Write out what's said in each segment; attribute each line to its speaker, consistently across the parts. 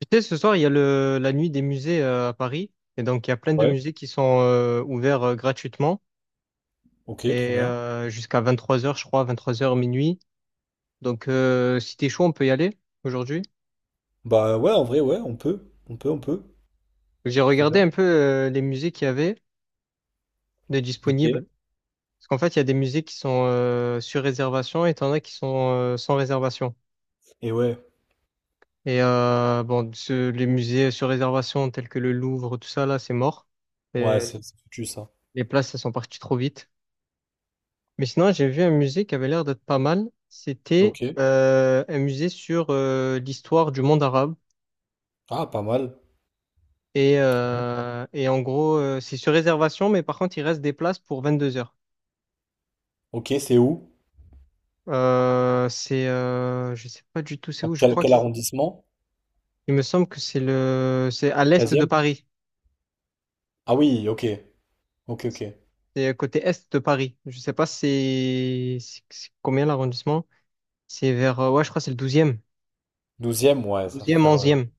Speaker 1: Tu sais, ce soir, il y a la nuit des musées à Paris. Et donc, il y a plein de
Speaker 2: Ouais,
Speaker 1: musées qui sont ouverts gratuitement.
Speaker 2: ok, trop
Speaker 1: Et
Speaker 2: bien.
Speaker 1: euh, jusqu'à 23h, je crois, 23h minuit. Donc, si t'es chaud, on peut y aller aujourd'hui.
Speaker 2: Bah ouais, en vrai, ouais, on peut. On peut.
Speaker 1: J'ai
Speaker 2: Trop
Speaker 1: regardé
Speaker 2: bien.
Speaker 1: un peu les musées qu'il y avait de
Speaker 2: Ok.
Speaker 1: disponibles. Parce qu'en fait, il y a des musées qui sont sur réservation et t'en as qui sont sans réservation.
Speaker 2: Et ouais,
Speaker 1: Et bon, les musées sur réservation tels que le Louvre, tout ça, là, c'est mort.
Speaker 2: ouais,
Speaker 1: Et
Speaker 2: c'est foutu ça.
Speaker 1: les places, elles sont parties trop vite. Mais sinon, j'ai vu un musée qui avait l'air d'être pas mal. C'était
Speaker 2: Ok.
Speaker 1: un musée sur l'histoire du monde arabe.
Speaker 2: Ah, pas mal.
Speaker 1: Et,
Speaker 2: Mhm.
Speaker 1: euh, et en gros, c'est sur réservation, mais par contre, il reste des places pour 22h.
Speaker 2: Ok, c'est où?
Speaker 1: Je sais pas du tout c'est où, je
Speaker 2: Quel,
Speaker 1: crois que
Speaker 2: quel arrondissement?
Speaker 1: il me semble que c'est c'est à l'est de
Speaker 2: 13.
Speaker 1: Paris.
Speaker 2: Ah oui, ok. Ok, ok.
Speaker 1: C'est côté est de Paris. Je sais pas c'est combien l'arrondissement. C'est vers, ouais, je crois que c'est le douzième,
Speaker 2: Douzième, ouais, ça va
Speaker 1: douzième,
Speaker 2: faire.
Speaker 1: onzième.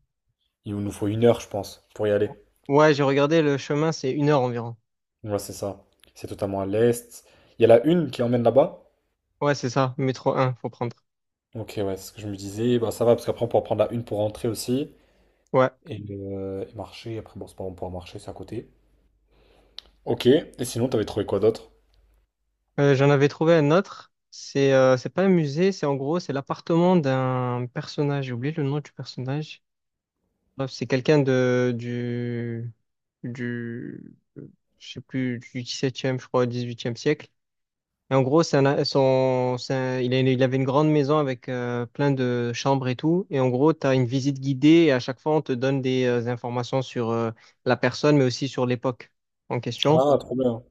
Speaker 2: Il nous faut une heure, je pense, pour y aller.
Speaker 1: Ouais, j'ai regardé le chemin, c'est une heure environ.
Speaker 2: Ouais, c'est ça. C'est totalement à l'est. Il y a la une qui emmène là-bas?
Speaker 1: Ouais, c'est ça, métro un faut prendre.
Speaker 2: Ok, ouais, c'est ce que je me disais. Bah ça va, parce qu'après, on pourra prendre la une pour rentrer aussi.
Speaker 1: Ouais.
Speaker 2: Et marcher. Après, bon, c'est pas bon, on pourra marcher, c'est à côté. Ok, et sinon, t'avais trouvé quoi d'autre?
Speaker 1: J'en avais trouvé un autre. C'est pas un musée, c'est en gros, c'est l'appartement d'un personnage. J'ai oublié le nom du personnage. Bref, c'est quelqu'un de du je sais plus du 17e, je crois, 18e siècle. Et en gros, c'est un- il a- une- il avait une grande maison avec plein de chambres et tout. Et en gros, tu as une visite guidée et à chaque fois, on te donne des informations sur la personne, mais aussi sur l'époque en question.
Speaker 2: Ah, trop bien.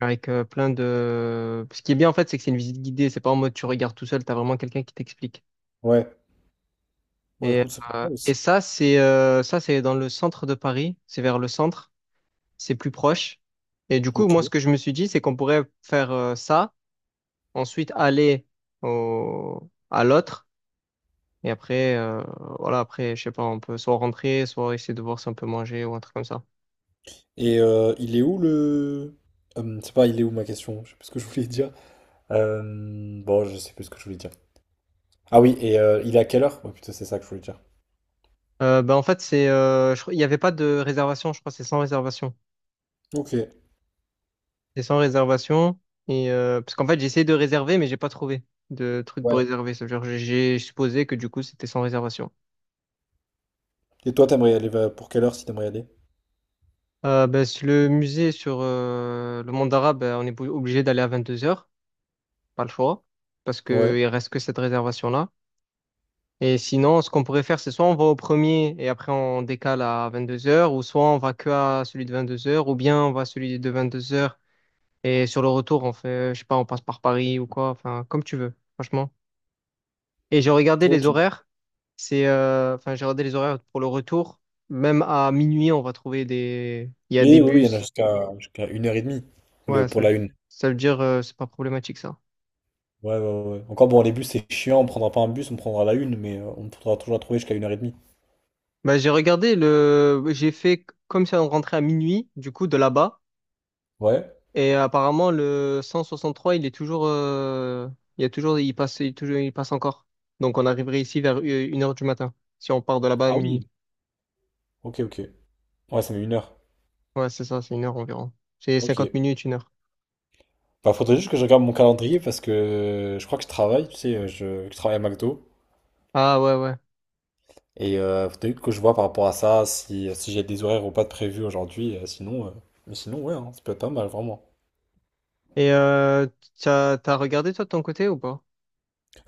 Speaker 1: Avec plein de. Ce qui est bien en fait, c'est que c'est une visite guidée, c'est pas en mode tu regardes tout seul, t'as vraiment quelqu'un qui t'explique.
Speaker 2: Ouais. Bon,
Speaker 1: Et,
Speaker 2: écoute, c'est pas
Speaker 1: euh,
Speaker 2: mal
Speaker 1: et
Speaker 2: aussi.
Speaker 1: ça, c'est dans le centre de Paris, c'est vers le centre, c'est plus proche. Et du coup,
Speaker 2: Ok.
Speaker 1: moi, ce que je me suis dit, c'est qu'on pourrait faire ça, ensuite aller à l'autre, et après, voilà, après, je sais pas, on peut soit rentrer, soit essayer de voir si on peut manger ou un truc comme ça.
Speaker 2: Et il est où le... c'est pas il est où ma question, je sais plus ce que je voulais dire. Bon, je sais plus ce que je voulais dire. Ah oui, et il est à quelle heure? Ouais, putain, c'est ça que je voulais dire.
Speaker 1: Ben, en fait, il n'y avait pas de réservation, je crois, que c'est sans réservation.
Speaker 2: Ok,
Speaker 1: C'est sans réservation. Et parce qu'en fait, j'ai essayé de réserver, mais j'ai pas trouvé de truc pour
Speaker 2: ouais.
Speaker 1: réserver. Ça veut dire, que j'ai supposé que du coup, c'était sans réservation.
Speaker 2: Et toi, t'aimerais y aller vers- pour quelle heure si t'aimerais y aller?
Speaker 1: Ben, si le musée sur le monde arabe, ben, on est obligé d'aller à 22h, pas le choix, parce
Speaker 2: Ouais,
Speaker 1: qu'il reste que cette réservation-là. Et sinon, ce qu'on pourrait faire, c'est soit on va au premier et après on décale à 22h, ou soit on va que à celui de 22h, ou bien on va à celui de 22h et sur le retour, on fait, je sais pas, on passe par Paris ou quoi, enfin, comme tu veux, franchement. Et j'ai regardé les
Speaker 2: ok.
Speaker 1: horaires. Enfin, j'ai regardé les horaires pour le retour. Même à minuit, on va trouver des. Il y a des
Speaker 2: Et oui, oui, il y en a
Speaker 1: bus.
Speaker 2: jusqu'à jusqu'à une heure et demie le,
Speaker 1: Ouais,
Speaker 2: pour
Speaker 1: ça,
Speaker 2: la une.
Speaker 1: ça veut dire, c'est pas problématique ça.
Speaker 2: Ouais, ouais, ouais. Encore bon, les bus, c'est chiant, on prendra pas un bus, on prendra la une, mais on pourra toujours la trouver jusqu'à une heure et demie.
Speaker 1: Bah, j'ai regardé le. J'ai fait comme si on rentrait à minuit, du coup, de là-bas.
Speaker 2: Ouais.
Speaker 1: Et apparemment, le 163, il est toujours. Il y a toujours. Il passe, toujours. Il passe encore. Donc, on arriverait ici vers une heure du matin, si on part de là-bas à
Speaker 2: Ah oui.
Speaker 1: minuit.
Speaker 2: Ok, ok. Ouais, ça met une heure.
Speaker 1: Ouais, c'est ça, c'est une heure environ. C'est
Speaker 2: Ok.
Speaker 1: 50 minutes, une heure.
Speaker 2: Bah, faudrait juste que je regarde mon calendrier parce que je crois que je travaille, tu sais, je travaille à McDo.
Speaker 1: Ah, ouais, ouais.
Speaker 2: Et faudrait que je vois par rapport à ça si, si j'ai des horaires ou pas de prévus aujourd'hui. Sinon, mais sinon, ouais, hein, ça peut être pas mal, vraiment.
Speaker 1: Et t'as regardé toi de ton côté ou pas?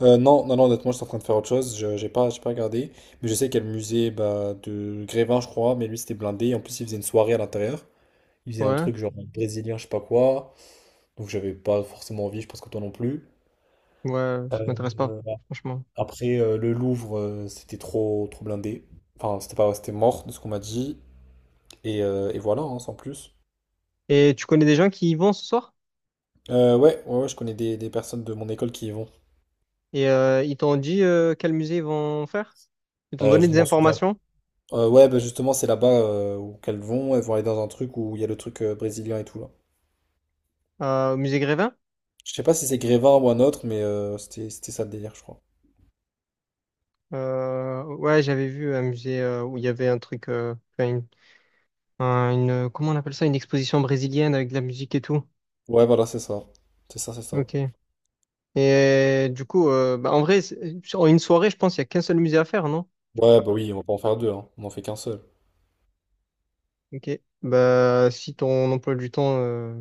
Speaker 2: Non, honnêtement, je suis en train de faire autre chose. J'ai pas regardé. Mais je sais qu'il y a le musée bah, de Grévin, je crois. Mais lui, c'était blindé. En plus, il faisait une soirée à l'intérieur. Il faisait un
Speaker 1: Ouais,
Speaker 2: truc genre brésilien, je sais pas quoi. Donc, j'avais pas forcément envie, je pense que toi non plus.
Speaker 1: ouais, ça m'intéresse pas,
Speaker 2: Euh,
Speaker 1: franchement.
Speaker 2: Après, le Louvre, c'était trop, trop blindé. Enfin, c'était pas, c'était mort de ce qu'on m'a dit. Et voilà, hein, sans plus.
Speaker 1: Et tu connais des gens qui y vont ce soir?
Speaker 2: Ouais, ouais, ouais, je connais des personnes de mon école qui y vont.
Speaker 1: Et ils t'ont dit quel musée ils vont faire? Ils t'ont donné
Speaker 2: Je
Speaker 1: des
Speaker 2: m'en souviens.
Speaker 1: informations
Speaker 2: Ouais, bah justement, c'est là-bas où qu'elles vont. Elles vont aller dans un truc où il y a le truc brésilien et tout, là.
Speaker 1: au musée Grévin?
Speaker 2: Je sais pas si c'est Grévin ou un autre, mais c'était, c'était ça le délire, je crois.
Speaker 1: Ouais, j'avais vu un musée où il y avait un truc, enfin, comment on appelle ça? Une exposition brésilienne avec de la musique et tout.
Speaker 2: Ouais, voilà, c'est ça. C'est ça, c'est ça.
Speaker 1: Ok. Et du coup, bah, en vrai, sur une soirée, je pense qu'il y a qu'un seul musée à faire, non?
Speaker 2: Ouais, bah oui, on va pas en faire deux, hein. On en fait qu'un seul.
Speaker 1: Ok. Bah, si ton emploi du temps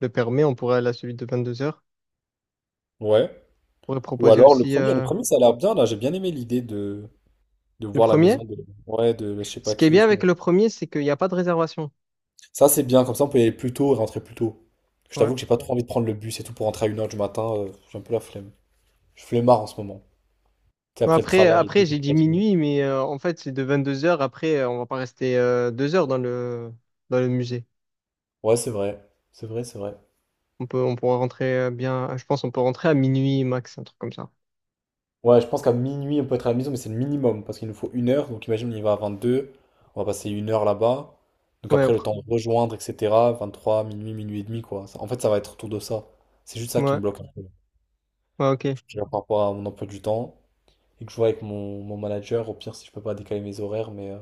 Speaker 1: le permet, on pourrait aller à celui de 22 heures.
Speaker 2: Ouais.
Speaker 1: On pourrait
Speaker 2: Ou
Speaker 1: proposer
Speaker 2: alors
Speaker 1: aussi
Speaker 2: le premier, ça a l'air bien, là. J'ai bien aimé l'idée de. De
Speaker 1: le
Speaker 2: voir la
Speaker 1: premier.
Speaker 2: maison de, ouais, de je sais
Speaker 1: Ce
Speaker 2: pas
Speaker 1: qui est
Speaker 2: qui et
Speaker 1: bien
Speaker 2: tout.
Speaker 1: avec le premier, c'est qu'il n'y a pas de réservation.
Speaker 2: Ça, c'est bien, comme ça, on peut y aller plus tôt et rentrer plus tôt. Je
Speaker 1: Ouais.
Speaker 2: t'avoue que j'ai pas trop envie de prendre le bus et tout pour rentrer à une heure du matin. J'ai un peu la flemme. Je suis flemmard en ce moment. Tu sais,
Speaker 1: Bon,
Speaker 2: après le
Speaker 1: Après,
Speaker 2: travail et tout, je
Speaker 1: après
Speaker 2: suis
Speaker 1: j'ai dit
Speaker 2: fatigué.
Speaker 1: minuit, mais en fait, c'est de 22 heures. Après, on va pas rester 2 heures dans le musée.
Speaker 2: Ouais, c'est vrai. C'est vrai, c'est vrai.
Speaker 1: On pourra rentrer bien, je pense, on peut rentrer à minuit max, un truc comme ça.
Speaker 2: Ouais, je pense qu'à minuit, on peut être à la maison, mais c'est le minimum parce qu'il nous faut une heure. Donc imagine, on y va à 22. On va passer une heure là-bas. Donc
Speaker 1: Ouais,
Speaker 2: après, le
Speaker 1: après.
Speaker 2: temps de rejoindre, etc. 23, minuit, minuit et demi, quoi. Ça- En fait, ça va être autour de ça. C'est juste ça qui me
Speaker 1: Ouais,
Speaker 2: bloque un peu.
Speaker 1: ouais, ok.
Speaker 2: Je regarde par rapport à mon emploi du temps. Et que je vois avec mon manager, au pire, si je peux pas décaler mes horaires,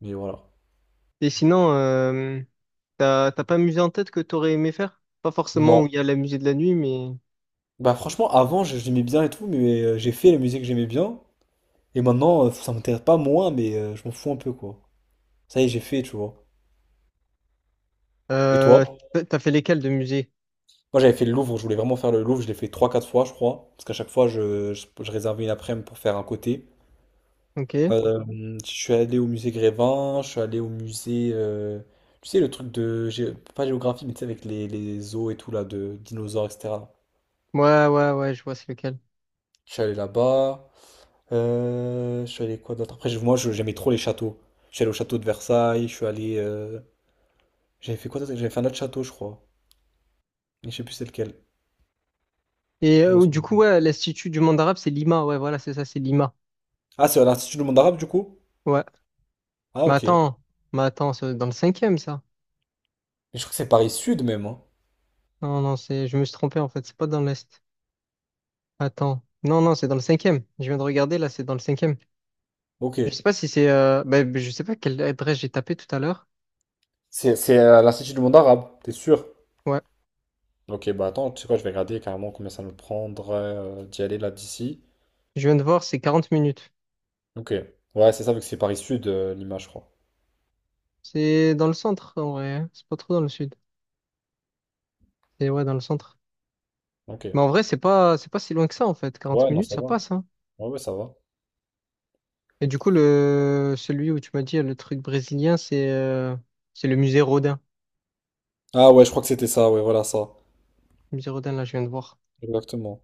Speaker 2: mais voilà.
Speaker 1: Et sinon, t'as pas un musée en tête que t'aurais aimé faire? Pas forcément où
Speaker 2: Non.
Speaker 1: il y a le musée de la nuit, mais
Speaker 2: Bah franchement, avant, je- j'aimais bien et tout, mais j'ai fait les musique que j'aimais bien, et maintenant, ça m'intéresse pas moins, mais je m'en fous un peu, quoi. Ça y est, j'ai fait, tu vois. Et
Speaker 1: euh,
Speaker 2: toi?
Speaker 1: t'as fait lesquels de musée?
Speaker 2: Moi, j'avais fait le Louvre, je voulais vraiment faire le Louvre, je l'ai fait trois quatre fois, je crois, parce qu'à chaque fois, je réservais une après-midi pour faire un côté.
Speaker 1: Ok.
Speaker 2: Euh, je suis allé au musée Grévin, je suis allé au musée... tu sais, le truc de... gé- Pas géographie, mais tu sais, avec les os et tout, là, de dinosaures, etc.
Speaker 1: Ouais, ouais, ouais, je vois c'est lequel.
Speaker 2: Je suis allé là-bas. Je suis allé quoi d'autre? Après, je- moi, je- j'aimais trop les châteaux. Je suis allé au château de Versailles. Je suis allé. J'avais fait quoi d'autre? J'avais fait un autre château, je crois. Mais je sais plus c'est lequel.
Speaker 1: Et
Speaker 2: Je m'en
Speaker 1: euh, du
Speaker 2: souviens.
Speaker 1: coup, ouais, l'Institut du monde arabe, c'est Lima. Ouais, voilà, c'est ça, c'est Lima.
Speaker 2: Ah, c'est à l'Institut du monde arabe, du coup?
Speaker 1: Ouais.
Speaker 2: Ah,
Speaker 1: Mais
Speaker 2: ok. Mais
Speaker 1: attends, mais attends, c'est dans le cinquième, ça.
Speaker 2: je crois que c'est Paris Sud, même. Hein.
Speaker 1: Non, non, je me suis trompé en fait, c'est pas dans l'Est. Attends. Non, non, c'est dans le cinquième. Je viens de regarder, là, c'est dans le cinquième.
Speaker 2: Ok.
Speaker 1: Je sais pas si ben, je sais pas quelle adresse j'ai tapé tout à l'heure.
Speaker 2: C'est à l'Institut du monde arabe, t'es sûr?
Speaker 1: Ouais.
Speaker 2: Ok, bah attends, tu sais quoi, je vais regarder carrément combien ça me prendrait d'y aller là d'ici.
Speaker 1: Je viens de voir, c'est 40 minutes.
Speaker 2: Ok. Ouais, c'est ça, vu que c'est Paris Sud, l'image, je crois.
Speaker 1: C'est dans le centre, en vrai, hein. C'est pas trop dans le sud. C'est, ouais, dans le centre.
Speaker 2: Ok.
Speaker 1: Mais en vrai, c'est pas si loin que ça, en fait. quarante
Speaker 2: Ouais, non,
Speaker 1: minutes,
Speaker 2: ça
Speaker 1: ça
Speaker 2: va.
Speaker 1: passe, hein.
Speaker 2: Ouais, ouais, ça va.
Speaker 1: Et du coup, le celui où tu m'as dit le truc brésilien, c'est c'est le musée Rodin.
Speaker 2: Ah ouais, je crois que c'était ça, ouais, voilà ça.
Speaker 1: Le musée Rodin, là, je viens de voir.
Speaker 2: Exactement.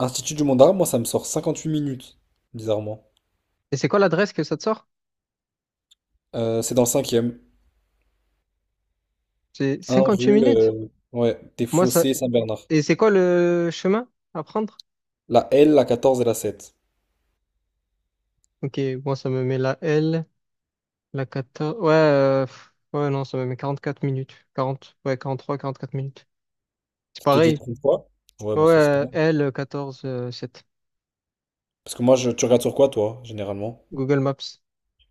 Speaker 2: Institut du Monde Arabe, moi ça me sort 58 minutes, bizarrement.
Speaker 1: Et c'est quoi l'adresse que ça te sort?
Speaker 2: C'est dans le cinquième.
Speaker 1: C'est
Speaker 2: 1
Speaker 1: 58
Speaker 2: rue,
Speaker 1: minutes.
Speaker 2: ouais, des
Speaker 1: Moi, ça.
Speaker 2: Fossés Saint-Bernard.
Speaker 1: Et c'est quoi le chemin à prendre?
Speaker 2: La L, la 14 et la 7.
Speaker 1: Ok, moi, ça me met la L, la quatorze. Ouais, pff, ouais, non, ça me met 44 minutes. Quarante ouais, quarante-trois 44 minutes. C'est
Speaker 2: Ça te dit
Speaker 1: pareil.
Speaker 2: trop fois. Ouais,
Speaker 1: Ouais,
Speaker 2: ben ça c'est pas mal.
Speaker 1: L, 14 7.
Speaker 2: Parce que moi, je, tu regardes sur quoi toi, généralement?
Speaker 1: Google Maps.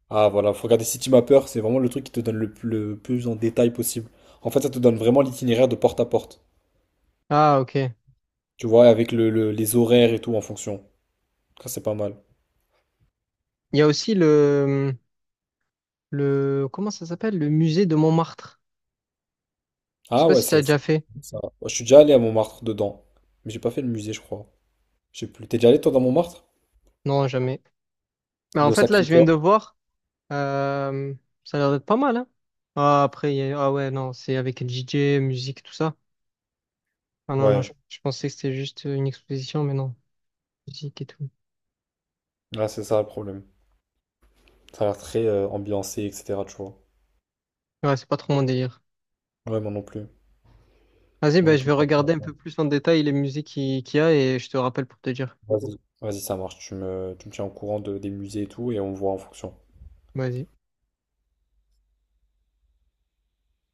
Speaker 2: Ah voilà, faut regarder City Mapper, c'est vraiment le truc qui te donne le plus en détail possible. En fait, ça te donne vraiment l'itinéraire de porte à porte.
Speaker 1: Ah, ok. Il
Speaker 2: Tu vois, avec les horaires et tout en fonction. Ça c'est pas mal.
Speaker 1: y a aussi le, comment ça s'appelle? Le musée de Montmartre. Je sais
Speaker 2: Ah
Speaker 1: pas
Speaker 2: ouais,
Speaker 1: si tu as
Speaker 2: c'est
Speaker 1: déjà fait.
Speaker 2: ça. Va. Je suis déjà allé à Montmartre dedans. Mais j'ai pas fait le musée, je crois. Je sais plus. T'es déjà allé toi dans Montmartre?
Speaker 1: Non, jamais. Mais en
Speaker 2: Le
Speaker 1: fait, là, je viens de
Speaker 2: Sacré-Cœur.
Speaker 1: voir. euh, Ça a l'air d'être pas mal, hein? Ah, après, ah ouais, non, c'est avec le DJ, musique, tout ça. Ah non, non,
Speaker 2: Ouais,
Speaker 1: je pensais que c'était juste une exposition, mais non, musique et tout.
Speaker 2: là c'est ça le problème. Ça a l'air très ambiancé, etc. Tu vois.
Speaker 1: Ouais, c'est pas trop mon délire.
Speaker 2: Ouais, moi non plus.
Speaker 1: Vas-y,
Speaker 2: Moi
Speaker 1: bah,
Speaker 2: non
Speaker 1: je vais
Speaker 2: plus.
Speaker 1: regarder un peu plus en détail les musiques qu'il y a et je te rappelle pour te dire.
Speaker 2: Vas-y, vas-y, ça marche. Tu me tiens au courant de, des musées et tout, et on voit en fonction.
Speaker 1: Vas-y.